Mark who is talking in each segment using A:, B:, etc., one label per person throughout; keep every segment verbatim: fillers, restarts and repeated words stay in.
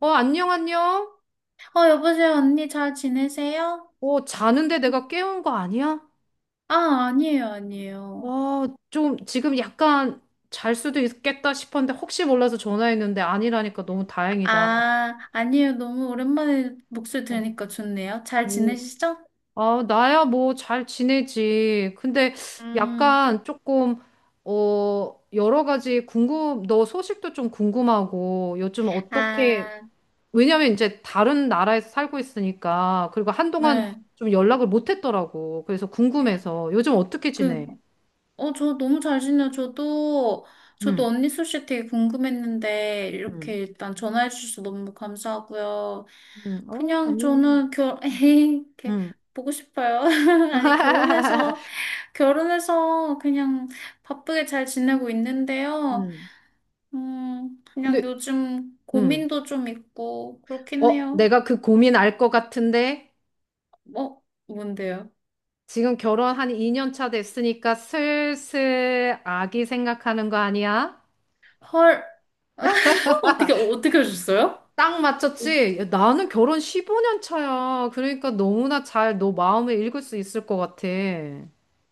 A: 어, 안녕, 안녕.
B: 어, 여보세요, 언니 잘 지내세요?
A: 어, 자는데 내가 깨운 거 아니야?
B: 아, 아니에요, 아니에요.
A: 어, 좀 지금 약간 잘 수도 있겠다 싶었는데 혹시 몰라서 전화했는데 아니라니까 너무 다행이다.
B: 아, 아니에요. 너무 오랜만에 목소리 들으니까 좋네요. 잘
A: 오.
B: 지내시죠?
A: 아, 나야 뭐 잘 지내지. 근데
B: 음,
A: 약간 조금, 어, 여러 가지 궁금, 너 소식도 좀 궁금하고 요즘 어떻게,
B: 아,
A: 왜냐면 이제 다른 나라에서 살고 있으니까 그리고 한동안
B: 네.
A: 좀 연락을 못 했더라고. 그래서 궁금해서 요즘 어떻게
B: 그,
A: 지내?
B: 어, 저 너무 잘 지내요. 저도, 저도
A: 응.
B: 언니 소식 되게 궁금했는데, 이렇게
A: 응.
B: 일단 전화해 주셔서 너무 감사하고요.
A: 음, 어,
B: 그냥
A: 아니요.
B: 저는 결, 이렇게
A: 음.
B: 보고 싶어요. 아니, 결혼해서 결혼해서 그냥 바쁘게 잘 지내고 있는데요.
A: 음.
B: 음,
A: 근데,
B: 그냥 요즘
A: 음.
B: 고민도 좀 있고 그렇긴
A: 어,
B: 해요.
A: 내가 그 고민 알 것 같은데,
B: 뭐, 뭔데요?
A: 지금 결혼 한 이 년 차 됐으니까 슬슬 아기 생각하는 거 아니야?
B: 헐, 어떻게, 어떻게 하셨어요?
A: 딱 맞췄지? 야, 나는 결혼 십오 년 차야. 그러니까 너무나 잘 너 마음을 읽을 수 있을 것 같아.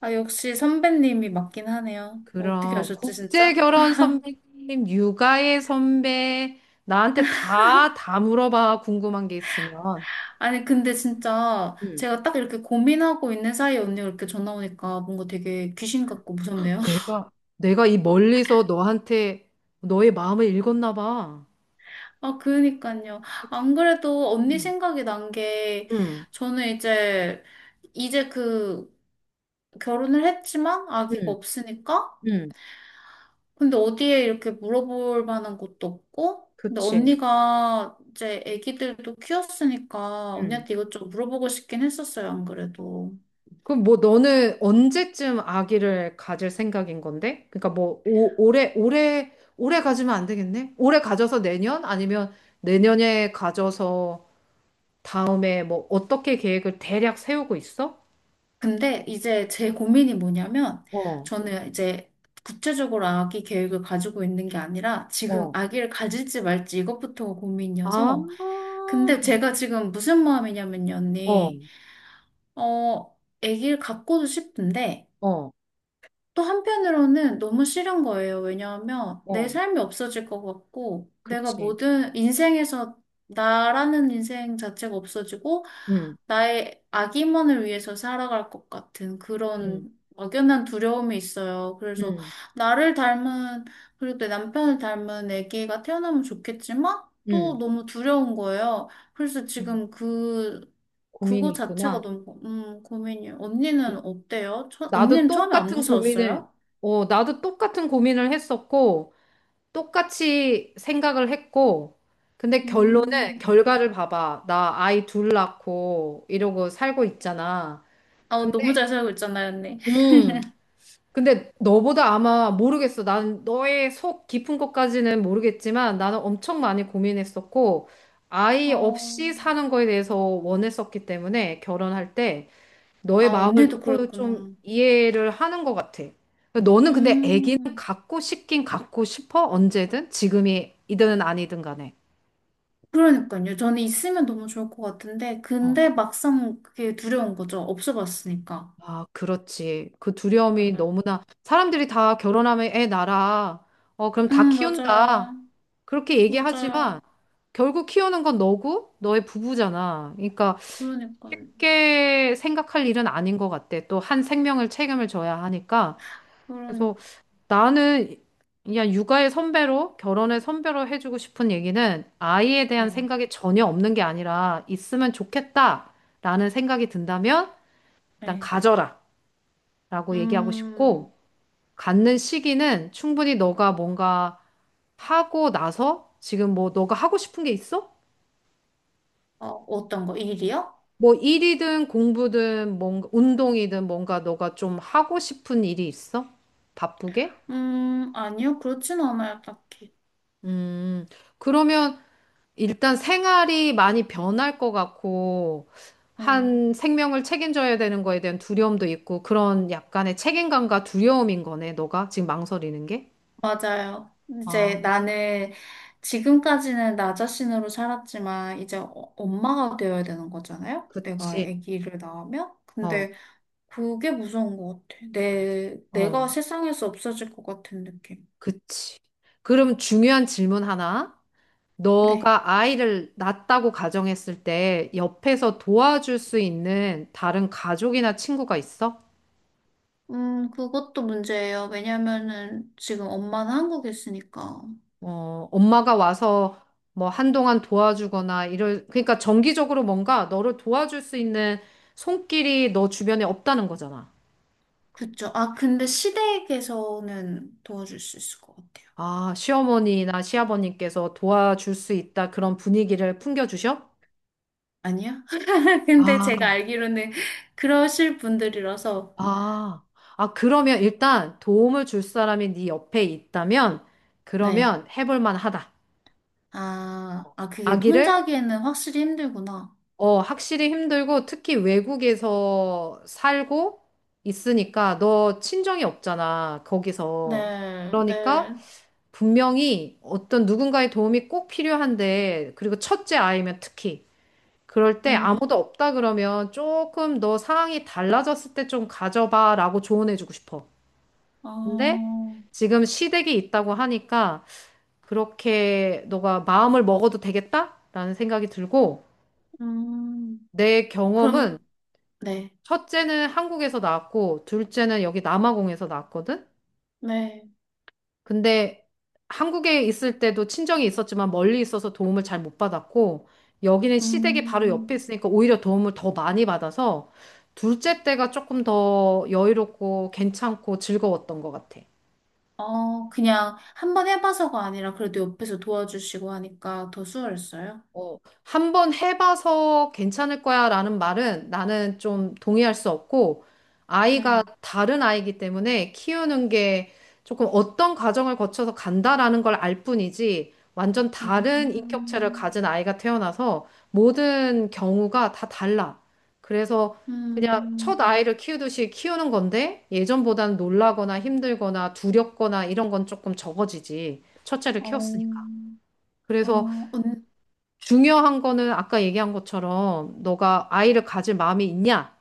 B: 아, 역시 선배님이 맞긴 하네요. 어떻게
A: 그럼,
B: 아셨지,
A: 국제
B: 진짜?
A: 결혼 선배님, 육아의 선배, 나한테 다, 다 물어봐. 궁금한 게 있으면.
B: 아니, 근데 진짜 제가 딱 이렇게 고민하고 있는 사이에 언니가 이렇게 전화 오니까 뭔가 되게 귀신 같고
A: 네.
B: 무섭네요.
A: 내가, 내가 이 멀리서 너한테 너의 마음을 읽었나 봐.
B: 아, 그니까요. 안 그래도 언니
A: 응
B: 생각이 난 게,
A: 응
B: 저는 이제, 이제 그, 결혼을 했지만 아기가
A: 응
B: 없으니까?
A: 응
B: 근데 어디에 이렇게 물어볼 만한 것도 없고? 근데
A: 그치.
B: 언니가 이제 아기들도 키웠으니까
A: 응.
B: 언니한테 이것저것 물어보고 싶긴 했었어요, 안 그래도.
A: 그럼 뭐 너는 언제쯤 아기를 가질 생각인 건데? 그러니까 뭐 오, 올해 올해 올해 가지면 안 되겠네? 올해 가져서 내년 아니면 내년에 가져서 다음에 뭐 어떻게 계획을 대략 세우고 있어?
B: 근데 이제 제 고민이 뭐냐면,
A: 어,
B: 저는 이제 구체적으로 아기 계획을 가지고 있는 게 아니라, 지금
A: 어,
B: 아기를 가질지 말지 이것부터가
A: 아,
B: 고민이어서, 근데 제가 지금 무슨 마음이냐면요,
A: 어,
B: 언니. 어, 아기를 갖고도 싶은데,
A: 어,
B: 또 한편으로는 너무 싫은 거예요. 왜냐하면 내
A: 어.
B: 삶이 없어질 것 같고, 내가
A: 그치.
B: 모든 인생에서 나라는 인생 자체가 없어지고,
A: 응,
B: 나의 아기만을 위해서 살아갈 것 같은
A: 응,
B: 그런 막연한 두려움이 있어요. 그래서
A: 응,
B: 나를 닮은, 그리고 내 남편을 닮은 애기가 태어나면 좋겠지만, 또
A: 응
B: 너무 두려운 거예요. 그래서
A: 음,
B: 지금 그,
A: 고민이
B: 그거 자체가
A: 있구나.
B: 너무, 음, 고민이에요. 언니는 어때요? 처,
A: 나도
B: 언니는 처음에 안
A: 똑같은 고민을,
B: 무서웠어요?
A: 어, 나도 똑같은 고민을 했었고, 똑같이 생각을 했고, 근데 결론은,
B: 음.
A: 결과를 봐봐. 나 아이 둘 낳고, 이러고 살고 있잖아.
B: 아,
A: 근데,
B: 너무 잘 살고 있잖아요, 언니.
A: 음, 근데 너보다 아마 모르겠어. 난 너의 속 깊은 것까지는 모르겠지만, 나는 엄청 많이 고민했었고, 아이
B: 어.
A: 없이 사는 거에 대해서 원했었기 때문에, 결혼할 때, 너의
B: 아,
A: 마음을
B: 언니도
A: 너무 좀
B: 그랬구나.
A: 이해를 하는 것 같아. 그러니까 너는 근데 아기는
B: 음.
A: 갖고 싶긴 갖고 싶어? 언제든? 지금이든 아니든 간에.
B: 그러니까요. 저는 있으면 너무 좋을 것 같은데,
A: 어,
B: 근데 막상 그게 두려운 거죠. 없어봤으니까.
A: 아, 그렇지. 그 두려움이
B: 맞아요.
A: 너무나 사람들이 다 결혼하면 애 낳아. 어, 그럼 다
B: 음,
A: 키운다.
B: 맞아요.
A: 그렇게 얘기하지만
B: 맞아요.
A: 결국 키우는 건 너고 너의 부부잖아. 그러니까
B: 그러니까요.
A: 쉽게 생각할 일은 아닌 것 같아. 또 한 생명을 책임을 져야 하니까. 그래서
B: 그러니까.
A: 나는 그냥 육아의 선배로, 결혼의 선배로 해주고 싶은 얘기는 아이에 대한
B: 네.
A: 생각이 전혀 없는 게 아니라 있으면 좋겠다라는 생각이 든다면 일단
B: 네.
A: 가져라 라고 얘기하고 싶고
B: 음.
A: 갖는 시기는 충분히 너가 뭔가 하고 나서 지금 뭐 너가 하고 싶은 게 있어?
B: 어, 어떤 거? 일이요?
A: 뭐 일이든 공부든 뭔가 운동이든 뭔가 너가 좀 하고 싶은 일이 있어? 바쁘게?
B: 음, 아니요. 그렇진 않아요, 딱히.
A: 음. 그러면 일단 생활이 많이 변할 것 같고,
B: 네.
A: 한 생명을 책임져야 되는 거에 대한 두려움도 있고, 그런 약간의 책임감과 두려움인 거네, 너가 지금 망설이는 게?
B: 맞아요. 이제
A: 아,
B: 나는 지금까지는 나 자신으로 살았지만 이제 어- 엄마가 되어야 되는 거잖아요. 내가
A: 그치.
B: 아기를 낳으면.
A: 어,
B: 근데 그게 무서운 것 같아.
A: 맞아.
B: 내,
A: 어,
B: 내가 세상에서 없어질 것 같은 느낌.
A: 그치. 그럼 중요한 질문 하나.
B: 네.
A: 너가 아이를 낳았다고 가정했을 때, 옆에서 도와줄 수 있는 다른 가족이나 친구가 있어?
B: 음, 그것도 문제예요. 왜냐면은 지금 엄마는 한국에 있으니까.
A: 어, 엄마가 와서 뭐 한동안 도와주거나 이럴, 그러니까 정기적으로 뭔가 너를 도와줄 수 있는 손길이 너 주변에 없다는 거잖아.
B: 그쵸. 아, 근데 시댁에서는 도와줄 수 있을 것 같아요.
A: 아, 시어머니나 시아버님께서 도와줄 수 있다 그런 분위기를 풍겨주셔?
B: 아니야? 근데
A: 아,
B: 제가 알기로는 그러실 분들이라서.
A: 아, 아, 그러면 일단 도움을 줄 사람이 네 옆에 있다면
B: 네.
A: 그러면 해볼 만하다.
B: 아, 아, 그게 혼자
A: 아기를
B: 하기에는 확실히 힘들구나.
A: 어, 확실히 힘들고 특히 외국에서 살고 있으니까 너 친정이 없잖아, 거기서.
B: 네,
A: 그러니까
B: 네.
A: 분명히 어떤 누군가의 도움이 꼭 필요한데, 그리고 첫째 아이면 특히. 그럴 때
B: 음,
A: 아무도 없다 그러면 조금 너 상황이 달라졌을 때 좀 가져봐라고 조언해주고 싶어. 근데
B: 어,
A: 지금 시댁이 있다고 하니까 그렇게 너가 마음을 먹어도 되겠다라는 생각이 들고,
B: 음,
A: 내 경험은
B: 그럼, 네,
A: 첫째는 한국에서 낳았고, 둘째는 여기 남아공에서 낳았거든?
B: 네.
A: 근데 한국에 있을 때도 친정이 있었지만 멀리 있어서 도움을 잘 못 받았고, 여기는 시댁이 바로 옆에
B: 음,
A: 있으니까 오히려 도움을 더 많이 받아서, 둘째 때가 조금 더 여유롭고 괜찮고 즐거웠던 것 같아.
B: 어, 그냥 한번 해봐서가 아니라 그래도 옆에서 도와주시고 하니까 더 수월했어요.
A: 어, 한번 해봐서 괜찮을 거야 라는 말은 나는 좀 동의할 수 없고, 아이가
B: 네.
A: 다른 아이기 때문에 키우는 게 조금 어떤 과정을 거쳐서 간다라는 걸 알 뿐이지, 완전 다른 인격체를
B: 음,
A: 가진 아이가 태어나서 모든 경우가 다 달라. 그래서 그냥 첫
B: 음,
A: 아이를 키우듯이 키우는 건데, 예전보다는 놀라거나 힘들거나 두렵거나 이런 건 조금 적어지지. 첫째를
B: 어,
A: 키웠으니까.
B: 어,
A: 그래서
B: 은,
A: 중요한 거는 아까 얘기한 것처럼 너가 아이를 가질 마음이 있냐?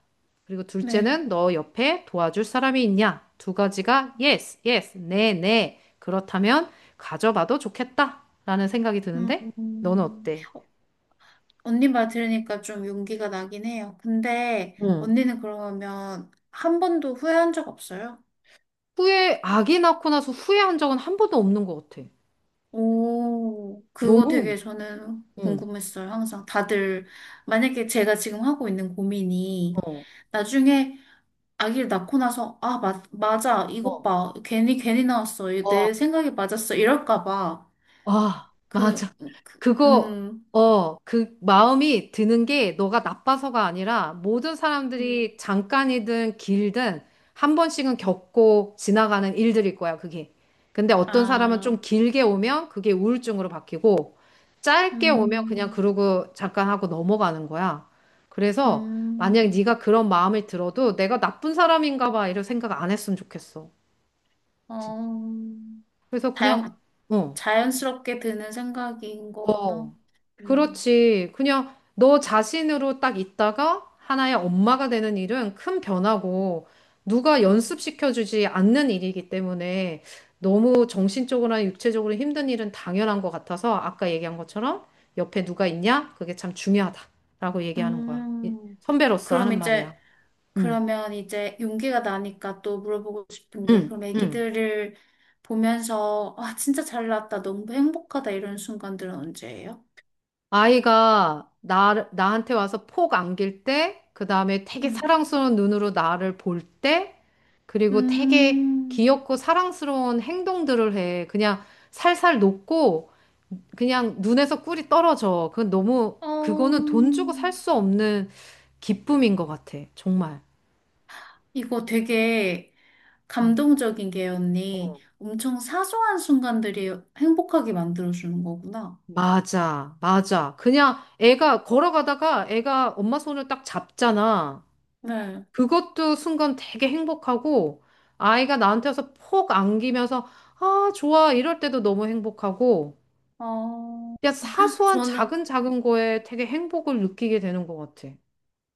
A: 그리고
B: 네.
A: 둘째는 너 옆에 도와줄 사람이 있냐? 두 가지가 yes, yes, 네, 네. 그렇다면 가져봐도 좋겠다라는 생각이 드는데 너는
B: 음,
A: 어때?
B: 언니 말 들으니까 좀 용기가 나긴 해요. 근데
A: 응.
B: 언니는 그러면 한 번도 후회한 적 없어요?
A: 후회, 아기 낳고 나서 후회한 적은 한 번도 없는 것 같아.
B: 오, 그거
A: 너무,
B: 되게 저는
A: 응,
B: 궁금했어요. 항상 다들 만약에 제가 지금 하고 있는 고민이
A: 어,
B: 나중에 아기를 낳고 나서 아, 마, 맞아. 이것
A: 어,
B: 봐. 괜히 괜히 나왔어.
A: 어,
B: 이내 생각이 맞았어. 이럴까 봐.
A: 아,
B: 그,
A: 맞아.
B: 그
A: 그거,
B: 음,
A: 어, 그 마음이 드는 게 너가 나빠서가 아니라 모든
B: 음,
A: 사람들이 잠깐이든 길든 한 번씩은 겪고 지나가는 일들일 거야, 그게. 근데 어떤 사람은
B: 아,
A: 좀 길게 오면 그게 우울증으로 바뀌고 짧게 오면 그냥
B: 음,
A: 그러고 잠깐 하고 넘어가는 거야. 그래서 만약
B: 음,
A: 네가 그런 마음을 들어도 내가 나쁜 사람인가 봐 이런 생각 안 했으면 좋겠어.
B: 어.
A: 그래서 그냥,
B: 다양,
A: 어,
B: 자연스럽게 드는 생각인 거구나.
A: 어,
B: 음,
A: 그렇지. 그냥 너 자신으로 딱 있다가 하나의 엄마가 되는 일은 큰 변화고 누가
B: 음,
A: 연습시켜주지 않는 일이기 때문에 너무 정신적으로나 육체적으로 힘든 일은 당연한 것 같아서 아까 얘기한 것처럼 옆에 누가 있냐? 그게 참 중요하다라고 얘기하는 거야. 이-
B: 음.
A: 선배로서
B: 그럼
A: 하는 말이야.
B: 이제,
A: 응,
B: 그러면 이제 용기가 나니까 또 물어보고 싶은 게,
A: 응,
B: 그럼
A: 응.
B: 애기들을 보면서, 아, 진짜 잘 나왔다. 너무 행복하다. 이런 순간들은 언제예요?
A: 아이가 나, 나한테 와서 폭 안길 때, 그 다음에 되게
B: 음,
A: 사랑스러운 눈으로 나를 볼 때, 그리고 되게
B: 음,
A: 귀엽고 사랑스러운 행동들을 해. 그냥 살살 녹고, 그냥 눈에서 꿀이 떨어져. 그건 너무, 그거는
B: 어,
A: 돈 주고 살 수 없는 기쁨인 것 같아. 정말.
B: 이거 되게
A: 응.
B: 감동적인 게, 언니.
A: 어.
B: 엄청 사소한 순간들이 행복하게 만들어주는 거구나.
A: 맞아, 맞아. 그냥 애가 걸어가다가 애가 엄마 손을 딱 잡잖아.
B: 네.
A: 그것도 순간 되게 행복하고 아이가 나한테 와서 폭 안기면서 아, 좋아. 이럴 때도 너무 행복하고
B: 어.
A: 그냥 사소한
B: 저는
A: 작은 작은 거에 되게 행복을 느끼게 되는 것 같아.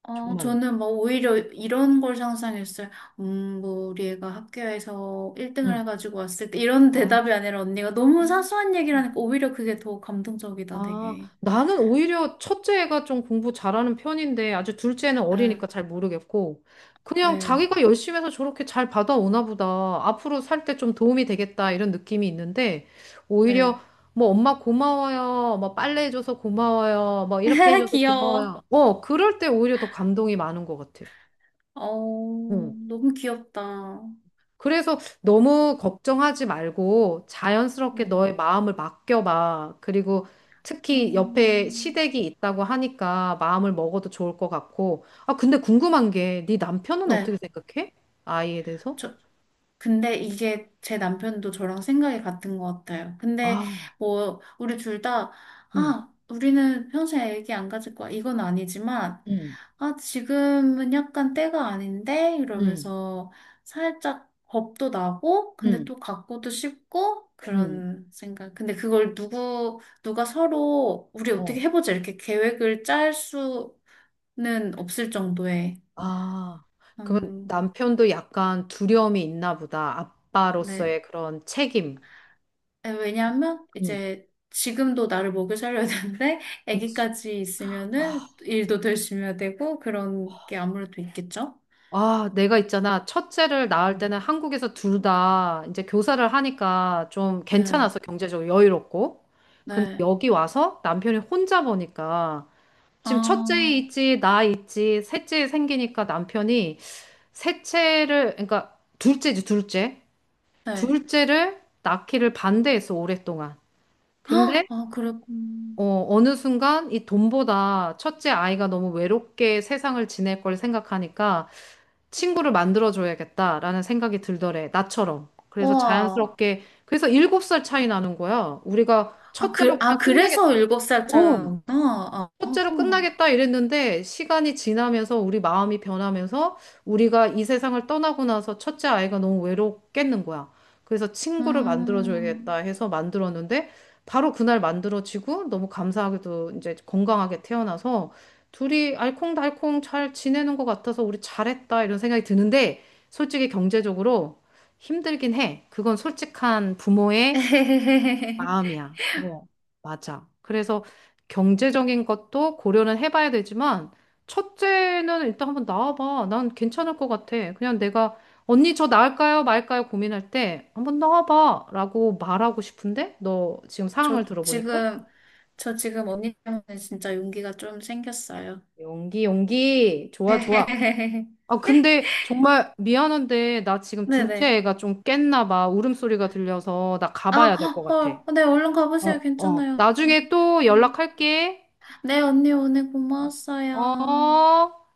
B: 어,
A: 정말로.
B: 저는 뭐 오히려 이런 걸 상상했어요. 음, 뭐 우리 애가 학교에서 일 등을
A: 응.
B: 해가지고 왔을 때 이런
A: 아,
B: 대답이 아니라 언니가 너무
A: 아.
B: 사소한 얘기를 하니까 오히려 그게 더 감동적이다,
A: 아,
B: 되게.
A: 나는 오히려 첫째 애가 좀 공부 잘하는 편인데 아주 둘째는 어리니까
B: 네,
A: 잘 모르겠고 그냥
B: 네,
A: 자기가 열심히 해서 저렇게 잘 받아오나 보다. 앞으로 살 때 좀 도움이 되겠다 이런 느낌이 있는데
B: 네.
A: 오히려 뭐 엄마 고마워요. 뭐 빨래 해줘서 고마워요. 뭐 이렇게 해줘서
B: 귀여워.
A: 고마워요. 어, 그럴 때 오히려 더 감동이 많은 것 같아.
B: 어,
A: 응.
B: 너무 귀엽다.
A: 그래서 너무 걱정하지 말고 자연스럽게
B: 네.
A: 너의 마음을 맡겨봐. 그리고 특히 옆에
B: 음,
A: 시댁이 있다고 하니까 마음을 먹어도 좋을 것 같고. 아, 근데 궁금한 게 네 남편은 어떻게
B: 네.
A: 생각해? 아이에 대해서?
B: 저, 근데 이게 제 남편도 저랑 생각이 같은 것 같아요. 근데
A: 아,
B: 뭐 우리 둘 다,
A: 응,
B: 아, 우리는 평생 애기 안 가질 거야. 이건 아니지만,
A: 응,
B: 아, 지금은 약간 때가 아닌데?
A: 응,
B: 이러면서 살짝 겁도 나고, 근데
A: 응,
B: 또 갖고도 싶고,
A: 응.
B: 그런 생각. 근데 그걸 누구, 누가 서로, 우리 어떻게
A: 어.
B: 해보자. 이렇게 계획을 짤 수는 없을 정도의,
A: 아, 그럼
B: 음,
A: 남편도 약간 두려움이 있나 보다.
B: 네,
A: 아빠로서의 그런 책임.
B: 에, 왜냐하면
A: 응,
B: 이제 지금도 나를 먹여 살려야 되는데
A: 그치.
B: 아기까지 있으면은 일도 열심히 야 되고 그런 게 아무래도 있겠죠?
A: 아, 내가 있잖아. 첫째를 낳을
B: 음.
A: 때는 한국에서 둘 다 이제 교사를 하니까 좀
B: 예,
A: 괜찮아서 경제적으로 여유롭고. 근데
B: 네.
A: 여기 와서 남편이 혼자 보니까 지금 첫째
B: 아,
A: 있지, 나 있지, 셋째 생기니까 남편이 셋째를, 그러니까 둘째지, 둘째.
B: 네.
A: 둘째를 낳기를 반대했어, 오랫동안.
B: 헉!
A: 근데,
B: 아, 그랬군.
A: 어, 어느 순간 이 돈보다 첫째 아이가 너무 외롭게 세상을 지낼 걸 생각하니까 친구를 만들어줘야겠다라는 생각이 들더래. 나처럼. 그래서
B: 우와.
A: 자연스럽게, 그래서 일곱 살 차이 나는 거야. 우리가
B: 아,
A: 첫째로
B: 그, 아,
A: 그냥
B: 그래서
A: 끝내겠다.
B: 일곱
A: 어.
B: 살짜리구나. 아,
A: 첫째로
B: 어.
A: 끝나겠다 이랬는데 시간이 지나면서 우리 마음이 변하면서 우리가 이 세상을 떠나고 나서 첫째 아이가 너무 외롭겠는 거야. 그래서 친구를 만들어줘야겠다
B: 음.
A: 해서 만들었는데 바로 그날 만들어지고 너무 감사하게도 이제 건강하게 태어나서 둘이 알콩달콩 잘 지내는 것 같아서 우리 잘했다 이런 생각이 드는데 솔직히 경제적으로 힘들긴 해. 그건 솔직한 부모의 마음이야. 어, 맞아. 그래서 경제적인 것도 고려는 해봐야 되지만, 첫째는 일단 한번 나와봐. 난 괜찮을 것 같아. 그냥 내가, 언니 저 나을까요? 말까요? 고민할 때, 한번 나와봐. 라고 말하고 싶은데? 너 지금
B: 저
A: 상황을 들어보니까?
B: 지금, 저 지금 언니 때문에 진짜 용기가 좀 생겼어요.
A: 용기, 용기. 좋아, 좋아. 아, 근데 정말 미안한데, 나 지금 둘째
B: 네네.
A: 애가 좀 깼나 봐. 울음소리가 들려서 나
B: 아,
A: 가봐야 될 것 같아.
B: 헐. 네, 얼른 가보세요.
A: 어, 어.
B: 괜찮아요.
A: 나중에
B: 음,
A: 또 연락할게.
B: 네, 언니, 오늘 고마웠어요.
A: 어,